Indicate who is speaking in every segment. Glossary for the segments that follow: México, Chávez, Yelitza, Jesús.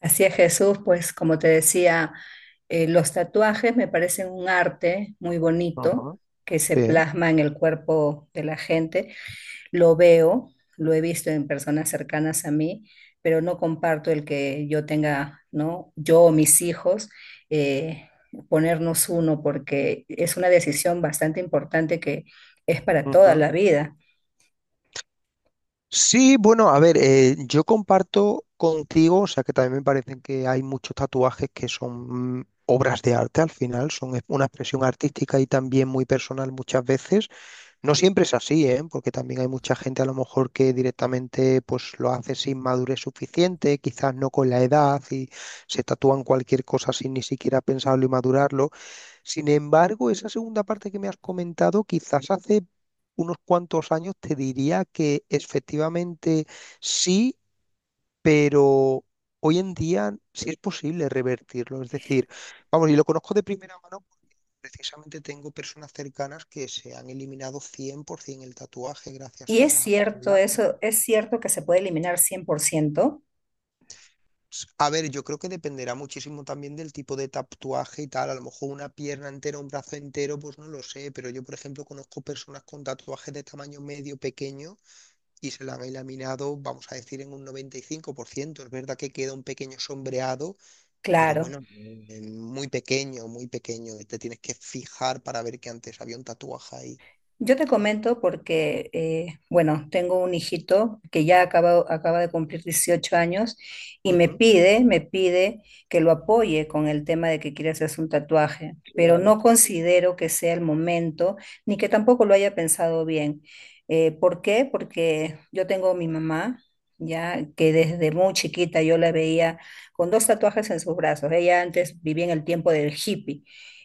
Speaker 1: Así es, Jesús, pues como te decía, los tatuajes me parecen un arte muy bonito
Speaker 2: Ujú.
Speaker 1: que se
Speaker 2: Bien.
Speaker 1: plasma en el cuerpo de la gente. Lo veo, lo he visto en personas cercanas a mí, pero no comparto el que yo tenga, ¿no? Yo o mis hijos, eh, ponernos uno, porque es una decisión bastante importante que es para toda
Speaker 2: Ujú.
Speaker 1: la vida.
Speaker 2: Sí, bueno, a ver, yo comparto contigo, o sea que también me parecen que hay muchos tatuajes que son obras de arte al final, son una expresión artística y también muy personal muchas veces. No siempre es así, ¿eh? Porque también hay mucha gente a lo mejor que directamente pues lo hace sin madurez suficiente, quizás no con la edad y se tatúan cualquier cosa sin ni siquiera pensarlo y madurarlo. Sin embargo, esa segunda parte que me has comentado, quizás hace unos cuantos años te diría que efectivamente sí, pero hoy en día sí es posible revertirlo. Es decir, vamos, y lo conozco de primera mano porque precisamente tengo personas cercanas que se han eliminado 100% el tatuaje gracias
Speaker 1: Y es
Speaker 2: a los.
Speaker 1: cierto eso, es cierto que se puede eliminar 100%.
Speaker 2: A ver, yo creo que dependerá muchísimo también del tipo de tatuaje y tal. A lo mejor una pierna entera, un brazo entero, pues no lo sé. Pero yo, por ejemplo, conozco personas con tatuajes de tamaño medio pequeño y se la han eliminado, vamos a decir, en un 95%. Es verdad que queda un pequeño sombreado, pero
Speaker 1: Claro.
Speaker 2: bueno, muy pequeño, muy pequeño. Te tienes que fijar para ver que antes había un tatuaje ahí.
Speaker 1: Yo te comento porque, bueno, tengo un hijito que ya acaba de cumplir 18 años y me
Speaker 2: Ujú.
Speaker 1: pide, me pide que lo apoye con el tema de que quiere hacerse un tatuaje, pero
Speaker 2: Claro,
Speaker 1: no considero que sea el momento ni que tampoco lo haya pensado bien. ¿Por qué? Porque yo tengo a mi mamá, ya que desde muy chiquita yo la veía con dos tatuajes en sus brazos. Ella antes vivía en el tiempo del hippie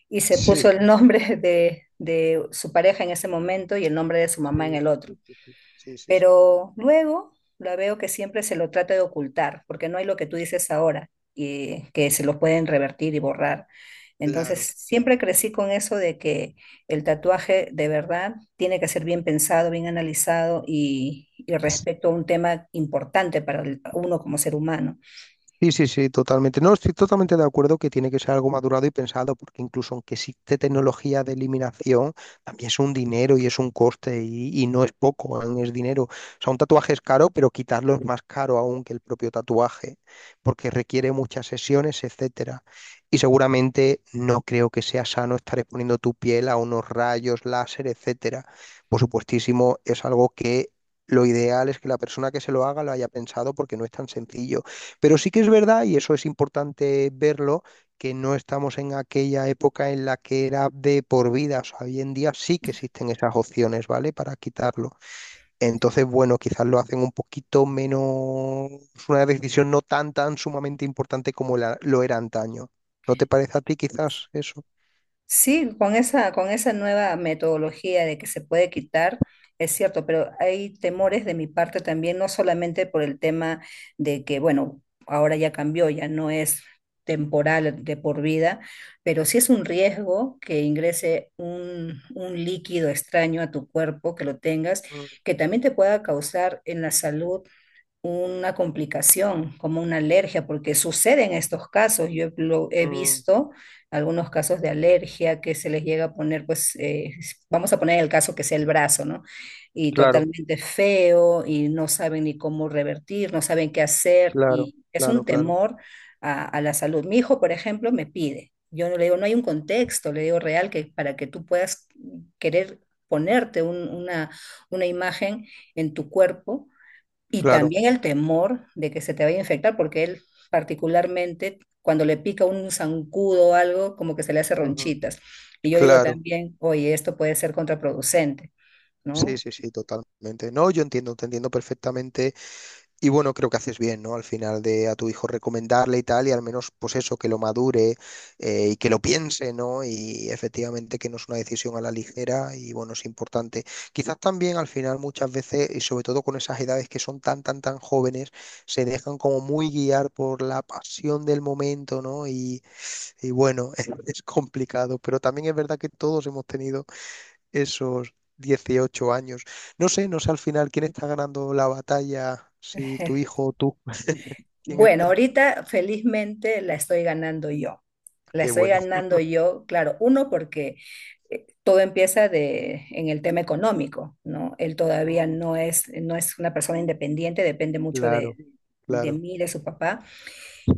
Speaker 1: y se
Speaker 2: sí,
Speaker 1: puso el nombre de su pareja en ese momento y el nombre de su mamá en
Speaker 2: sí,
Speaker 1: el otro.
Speaker 2: sí, sí, sí, sí, sí, sí.
Speaker 1: Pero luego la veo que siempre se lo trata de ocultar, porque no hay lo que tú dices ahora, y que se lo pueden revertir y borrar. Entonces,
Speaker 2: Claro.
Speaker 1: siempre crecí con eso de que el tatuaje de verdad tiene que ser bien pensado, bien analizado y respecto a un tema importante para uno como ser humano.
Speaker 2: Sí, sí, sí, totalmente. No, estoy totalmente de acuerdo que tiene que ser algo madurado y pensado, porque incluso aunque existe tecnología de eliminación, también es un dinero y es un coste y no es poco, aún es dinero. O sea, un tatuaje es caro, pero quitarlo es más caro aún que el propio tatuaje, porque requiere muchas sesiones, etcétera. Y seguramente no creo que sea sano estar exponiendo tu piel a unos rayos láser, etcétera. Por supuestísimo, es algo que lo ideal es que la persona que se lo haga lo haya pensado porque no es tan sencillo. Pero sí que es verdad, y eso es importante verlo, que no estamos en aquella época en la que era de por vida. O sea, hoy en día sí que existen esas opciones, ¿vale? Para quitarlo. Entonces, bueno, quizás lo hacen un poquito menos, una decisión no tan, tan sumamente importante como lo era antaño. ¿No te parece a ti quizás eso?
Speaker 1: Sí, con esa nueva metodología de que se puede quitar, es cierto, pero hay temores de mi parte también, no solamente por el tema de que, bueno, ahora ya cambió, ya no es temporal de por vida, pero sí es un riesgo que ingrese un líquido extraño a tu cuerpo, que lo tengas,
Speaker 2: Mm,
Speaker 1: que también te pueda causar en la salud una complicación, como una alergia, porque sucede en estos casos. Yo he
Speaker 2: mm,
Speaker 1: visto algunos casos de alergia que se les llega a poner, pues, vamos a poner el caso que sea el brazo, ¿no? Y
Speaker 2: claro,
Speaker 1: totalmente feo y no saben ni cómo revertir, no saben qué hacer
Speaker 2: claro,
Speaker 1: y es un
Speaker 2: claro, claro,
Speaker 1: temor a la salud. Mi hijo, por ejemplo, me pide. Yo no le digo, no hay un contexto, le digo real que para que tú puedas querer ponerte una imagen en tu cuerpo y
Speaker 2: claro.
Speaker 1: también el temor de que se te vaya a infectar, porque él particularmente cuando le pica un zancudo o algo, como que se le hace
Speaker 2: Ujú,
Speaker 1: ronchitas. Y yo digo
Speaker 2: claro,
Speaker 1: también, oye, esto puede ser contraproducente,
Speaker 2: sí,
Speaker 1: ¿no?
Speaker 2: sí, sí, totalmente. No, yo entiendo, te entiendo perfectamente. Y bueno, creo que haces bien, ¿no? Al final de a tu hijo recomendarle y tal, y al menos pues eso, que lo madure y que lo piense, ¿no? Y efectivamente que no es una decisión a la ligera y bueno, es importante. Quizás también al final muchas veces, y sobre todo con esas edades que son tan, tan, tan jóvenes, se dejan como muy guiar por la pasión del momento, ¿no? Y bueno, es complicado, pero también es verdad que todos hemos tenido esos 18 años. No sé, no sé al final quién está ganando la batalla, si tu hijo o tú. ¿Quién
Speaker 1: Bueno,
Speaker 2: está?
Speaker 1: ahorita felizmente la estoy ganando yo. La
Speaker 2: Qué
Speaker 1: estoy
Speaker 2: bueno.
Speaker 1: ganando yo, claro, uno porque todo empieza de, en el tema económico, ¿no? Él todavía
Speaker 2: Mm,
Speaker 1: no es, no es una persona independiente, depende mucho de,
Speaker 2: claro,
Speaker 1: de
Speaker 2: claro.
Speaker 1: mí, de su papá.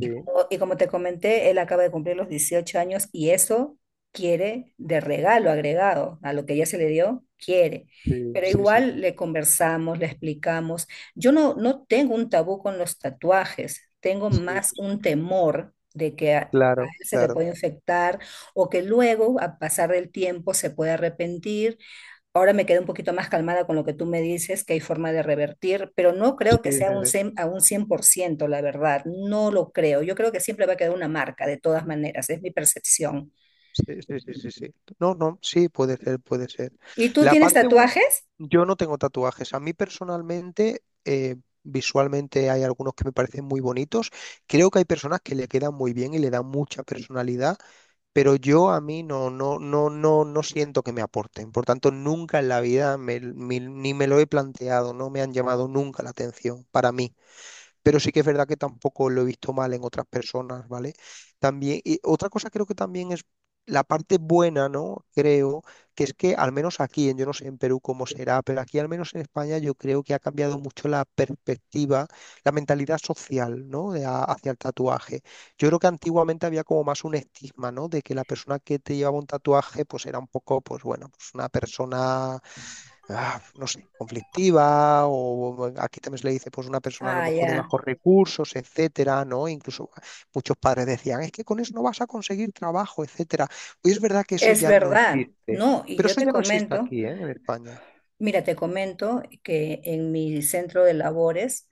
Speaker 1: Y como, y como te comenté, él acaba de cumplir los 18 años y eso quiere de regalo agregado a lo que ya se le dio, quiere.
Speaker 2: sí,
Speaker 1: Pero
Speaker 2: sí, sí,
Speaker 1: igual le
Speaker 2: sí,
Speaker 1: conversamos, le explicamos. Yo no, no tengo un tabú con los tatuajes, tengo
Speaker 2: sí,
Speaker 1: más
Speaker 2: sí,
Speaker 1: un temor de que a
Speaker 2: claro,
Speaker 1: él se le
Speaker 2: claro.
Speaker 1: puede infectar o que luego, a pasar del tiempo, se puede arrepentir. Ahora me quedé un poquito más calmada con lo que tú me dices, que hay forma de revertir, pero no
Speaker 2: Sí,
Speaker 1: creo que sea un,
Speaker 2: sí,
Speaker 1: a un 100%, la verdad, no lo creo. Yo creo que siempre va a quedar una marca, de todas maneras, es mi percepción.
Speaker 2: sí, sí, sí, sí, sí, sí. No, no, sí, puede ser, puede ser.
Speaker 1: ¿Y tú
Speaker 2: La
Speaker 1: tienes
Speaker 2: parte buena,
Speaker 1: tatuajes?
Speaker 2: yo no tengo tatuajes. A mí personalmente, visualmente hay algunos que me parecen muy bonitos. Creo que hay personas que le quedan muy bien y le dan mucha personalidad. Pero yo a mí no, no, no, no, no siento que me aporten. Por tanto, nunca en la vida ni me lo he planteado, no me han llamado nunca la atención para mí, pero sí que es verdad que tampoco lo he visto mal en otras personas, ¿vale? También, y otra cosa creo que también es la parte buena, ¿no? Creo que es que al menos aquí, yo no sé en Perú cómo será, pero aquí al menos en España yo creo que ha cambiado mucho la perspectiva, la mentalidad social, ¿no? De hacia el tatuaje. Yo creo que antiguamente había como más un estigma, ¿no? De que la persona que te llevaba un tatuaje, pues era un poco, pues bueno, pues una persona no sé, conflictiva, o aquí también se le dice, pues una persona a lo
Speaker 1: Ah,
Speaker 2: mejor de
Speaker 1: ya,
Speaker 2: bajos recursos, etcétera, ¿no? Incluso muchos padres decían, es que con eso no vas a conseguir trabajo, etcétera. Hoy es verdad que eso
Speaker 1: es
Speaker 2: ya no
Speaker 1: verdad.
Speaker 2: existe,
Speaker 1: No, y
Speaker 2: pero
Speaker 1: yo
Speaker 2: eso
Speaker 1: te
Speaker 2: ya no existe
Speaker 1: comento.
Speaker 2: aquí, ¿eh? En España.
Speaker 1: Mira, te comento que en mi centro de labores,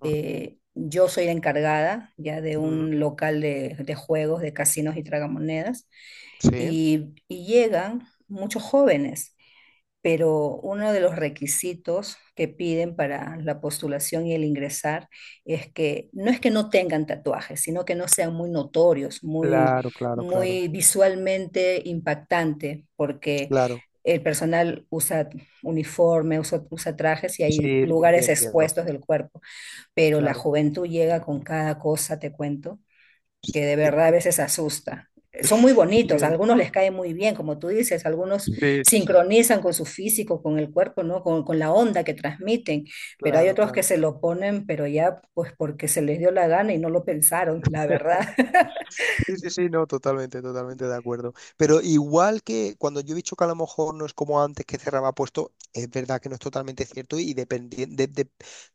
Speaker 2: Ujú,
Speaker 1: yo soy la encargada ya de
Speaker 2: ujú.
Speaker 1: un local de juegos, de casinos y tragamonedas,
Speaker 2: Sí,
Speaker 1: y llegan muchos jóvenes, pero uno de los requisitos que piden para la postulación y el ingresar es que no tengan tatuajes, sino que no sean muy notorios, muy,
Speaker 2: claro, claro, claro,
Speaker 1: muy visualmente impactante, porque
Speaker 2: claro.
Speaker 1: el personal usa uniforme, usa trajes y hay
Speaker 2: Sí, sí, sí,
Speaker 1: lugares
Speaker 2: entiendo,
Speaker 1: expuestos del cuerpo, pero la
Speaker 2: claro.
Speaker 1: juventud llega con cada cosa, te cuento que de verdad a veces asusta. Son muy bonitos, a
Speaker 2: Sí,
Speaker 1: algunos les cae muy bien, como tú dices, algunos
Speaker 2: sí, sí, sí,
Speaker 1: sincronizan con su físico, con el cuerpo, ¿no? Con la onda que transmiten, pero hay
Speaker 2: claro,
Speaker 1: otros que
Speaker 2: claro.
Speaker 1: se lo ponen, pero ya pues porque se les dio la gana y no lo pensaron, la verdad.
Speaker 2: Sí, sí, sí, no, totalmente, totalmente de acuerdo. Pero igual que cuando yo he dicho que a lo mejor no es como antes que cerraba puesto, es verdad que no es totalmente cierto y dependi- de- de-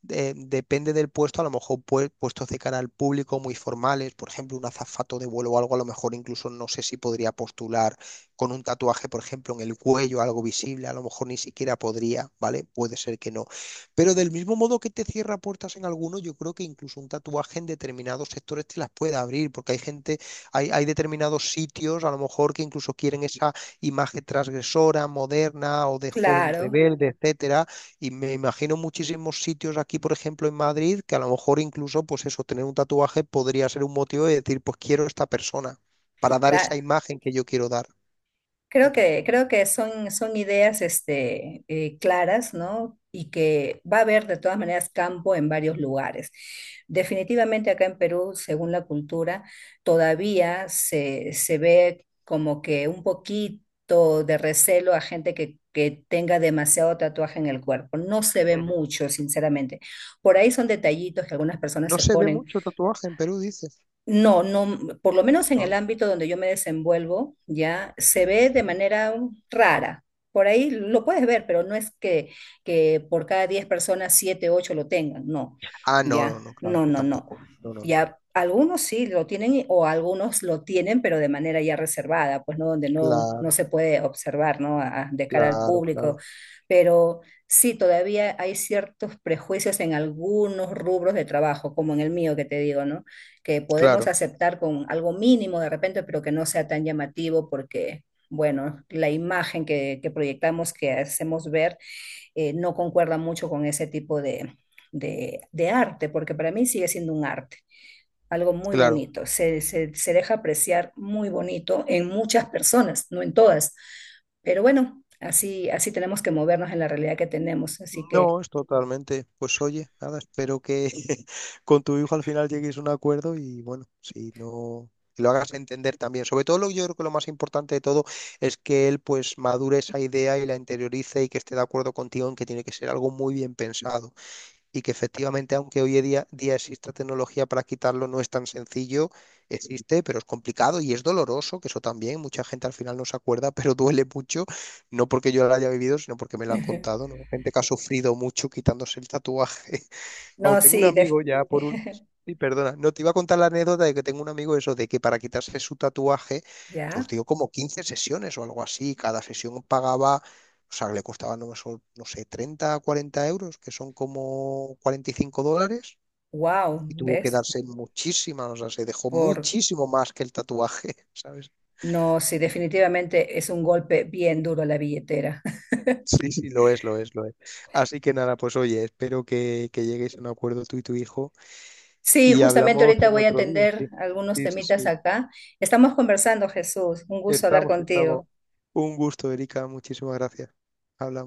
Speaker 2: de- depende del puesto, a lo mejor puestos de cara al público muy formales, por ejemplo, un azafato de vuelo o algo, a lo mejor incluso no sé si podría postular con un tatuaje, por ejemplo, en el cuello, algo visible, a lo mejor ni siquiera podría, ¿vale? Puede ser que no. Pero del mismo modo que te cierra puertas en algunos, yo creo que incluso un tatuaje en determinados sectores te las puede abrir, porque hay gente, hay determinados sitios, a lo mejor, que incluso quieren esa imagen transgresora, moderna o de joven
Speaker 1: Claro.
Speaker 2: rebelde, etcétera. Y me imagino muchísimos sitios aquí, por ejemplo, en Madrid, que a lo mejor incluso, pues eso, tener un tatuaje podría ser un motivo de decir, pues quiero esta persona, para dar esa
Speaker 1: cla-
Speaker 2: imagen que yo quiero dar.
Speaker 1: Creo
Speaker 2: Ujú,
Speaker 1: que, creo que son, son ideas claras, ¿no? Y que va a haber de todas maneras campo en varios lugares. Definitivamente acá en Perú, según la cultura, todavía se ve como que un poquito de recelo a gente que tenga demasiado tatuaje en el cuerpo. No se ve
Speaker 2: ujú.
Speaker 1: mucho, sinceramente. Por ahí son detallitos que algunas personas
Speaker 2: No
Speaker 1: se
Speaker 2: se ve
Speaker 1: ponen.
Speaker 2: mucho tatuaje en Perú, dices.
Speaker 1: No, no, por lo menos en el
Speaker 2: Ah,
Speaker 1: ámbito donde yo me desenvuelvo, ya se ve de
Speaker 2: mm.
Speaker 1: manera rara. Por ahí lo puedes ver, pero no es que por cada 10 personas, 7 8 lo tengan, no,
Speaker 2: Ah, no, no,
Speaker 1: ya,
Speaker 2: no, claro
Speaker 1: no,
Speaker 2: que
Speaker 1: no, no.
Speaker 2: tampoco. No, no, no.
Speaker 1: Ya algunos sí lo tienen o algunos lo tienen, pero de manera ya reservada, pues no, donde no
Speaker 2: Claro,
Speaker 1: se puede observar, ¿no? De cara al
Speaker 2: claro,
Speaker 1: público,
Speaker 2: claro,
Speaker 1: pero sí, todavía hay ciertos prejuicios en algunos rubros de trabajo, como en el mío que te digo, ¿no? Que podemos
Speaker 2: claro,
Speaker 1: aceptar con algo mínimo de repente, pero que no sea tan llamativo porque, bueno, la imagen que proyectamos, que hacemos ver, no concuerda mucho con ese tipo de, de arte, porque para mí sigue siendo un arte, algo muy
Speaker 2: claro.
Speaker 1: bonito, se, se deja apreciar muy bonito en muchas personas, no en todas, pero bueno, así, tenemos que movernos en la realidad que tenemos, así que,
Speaker 2: No, es totalmente. Pues oye, nada, espero que con tu hijo al final llegues a un acuerdo y bueno, si no, que lo hagas entender también. Sobre todo lo, yo creo que lo más importante de todo es que él pues madure esa idea y la interiorice y que esté de acuerdo contigo en que tiene que ser algo muy bien pensado y que efectivamente, aunque hoy en día exista tecnología para quitarlo, no es tan sencillo, existe, pero es complicado y es doloroso, que eso también, mucha gente al final no se acuerda, pero duele mucho, no porque yo lo haya vivido, sino porque me lo han contado, ¿no? Gente que ha sufrido mucho quitándose el tatuaje. Paul,
Speaker 1: no,
Speaker 2: tengo un
Speaker 1: sí,
Speaker 2: amigo ya por último. Sí, perdona. No te iba a contar la anécdota de que tengo un amigo eso, de que para quitarse su tatuaje, pues
Speaker 1: ya,
Speaker 2: dio como 15 sesiones o algo así. Cada sesión pagaba, o sea, le costaba, no, no sé, 30, 40 euros, que son como 45 dólares.
Speaker 1: wow,
Speaker 2: Y tuvo que
Speaker 1: ¿ves?
Speaker 2: darse muchísimas, o sea, se dejó
Speaker 1: Por
Speaker 2: muchísimo más que el tatuaje, ¿sabes?
Speaker 1: No, sí, definitivamente es un golpe bien duro a la billetera.
Speaker 2: Sí, sí, lo es, lo es, lo es. Así que nada, pues oye, espero que lleguéis a un acuerdo tú y tu hijo
Speaker 1: Sí,
Speaker 2: y
Speaker 1: justamente
Speaker 2: hablamos
Speaker 1: ahorita
Speaker 2: en
Speaker 1: voy a
Speaker 2: otro día,
Speaker 1: atender
Speaker 2: sí.
Speaker 1: algunos
Speaker 2: Sí, sí,
Speaker 1: temitas
Speaker 2: sí.
Speaker 1: acá. Estamos conversando, Jesús. Un gusto hablar
Speaker 2: Estamos, estamos.
Speaker 1: contigo.
Speaker 2: Un gusto, Erika. Muchísimas gracias. Hablamos.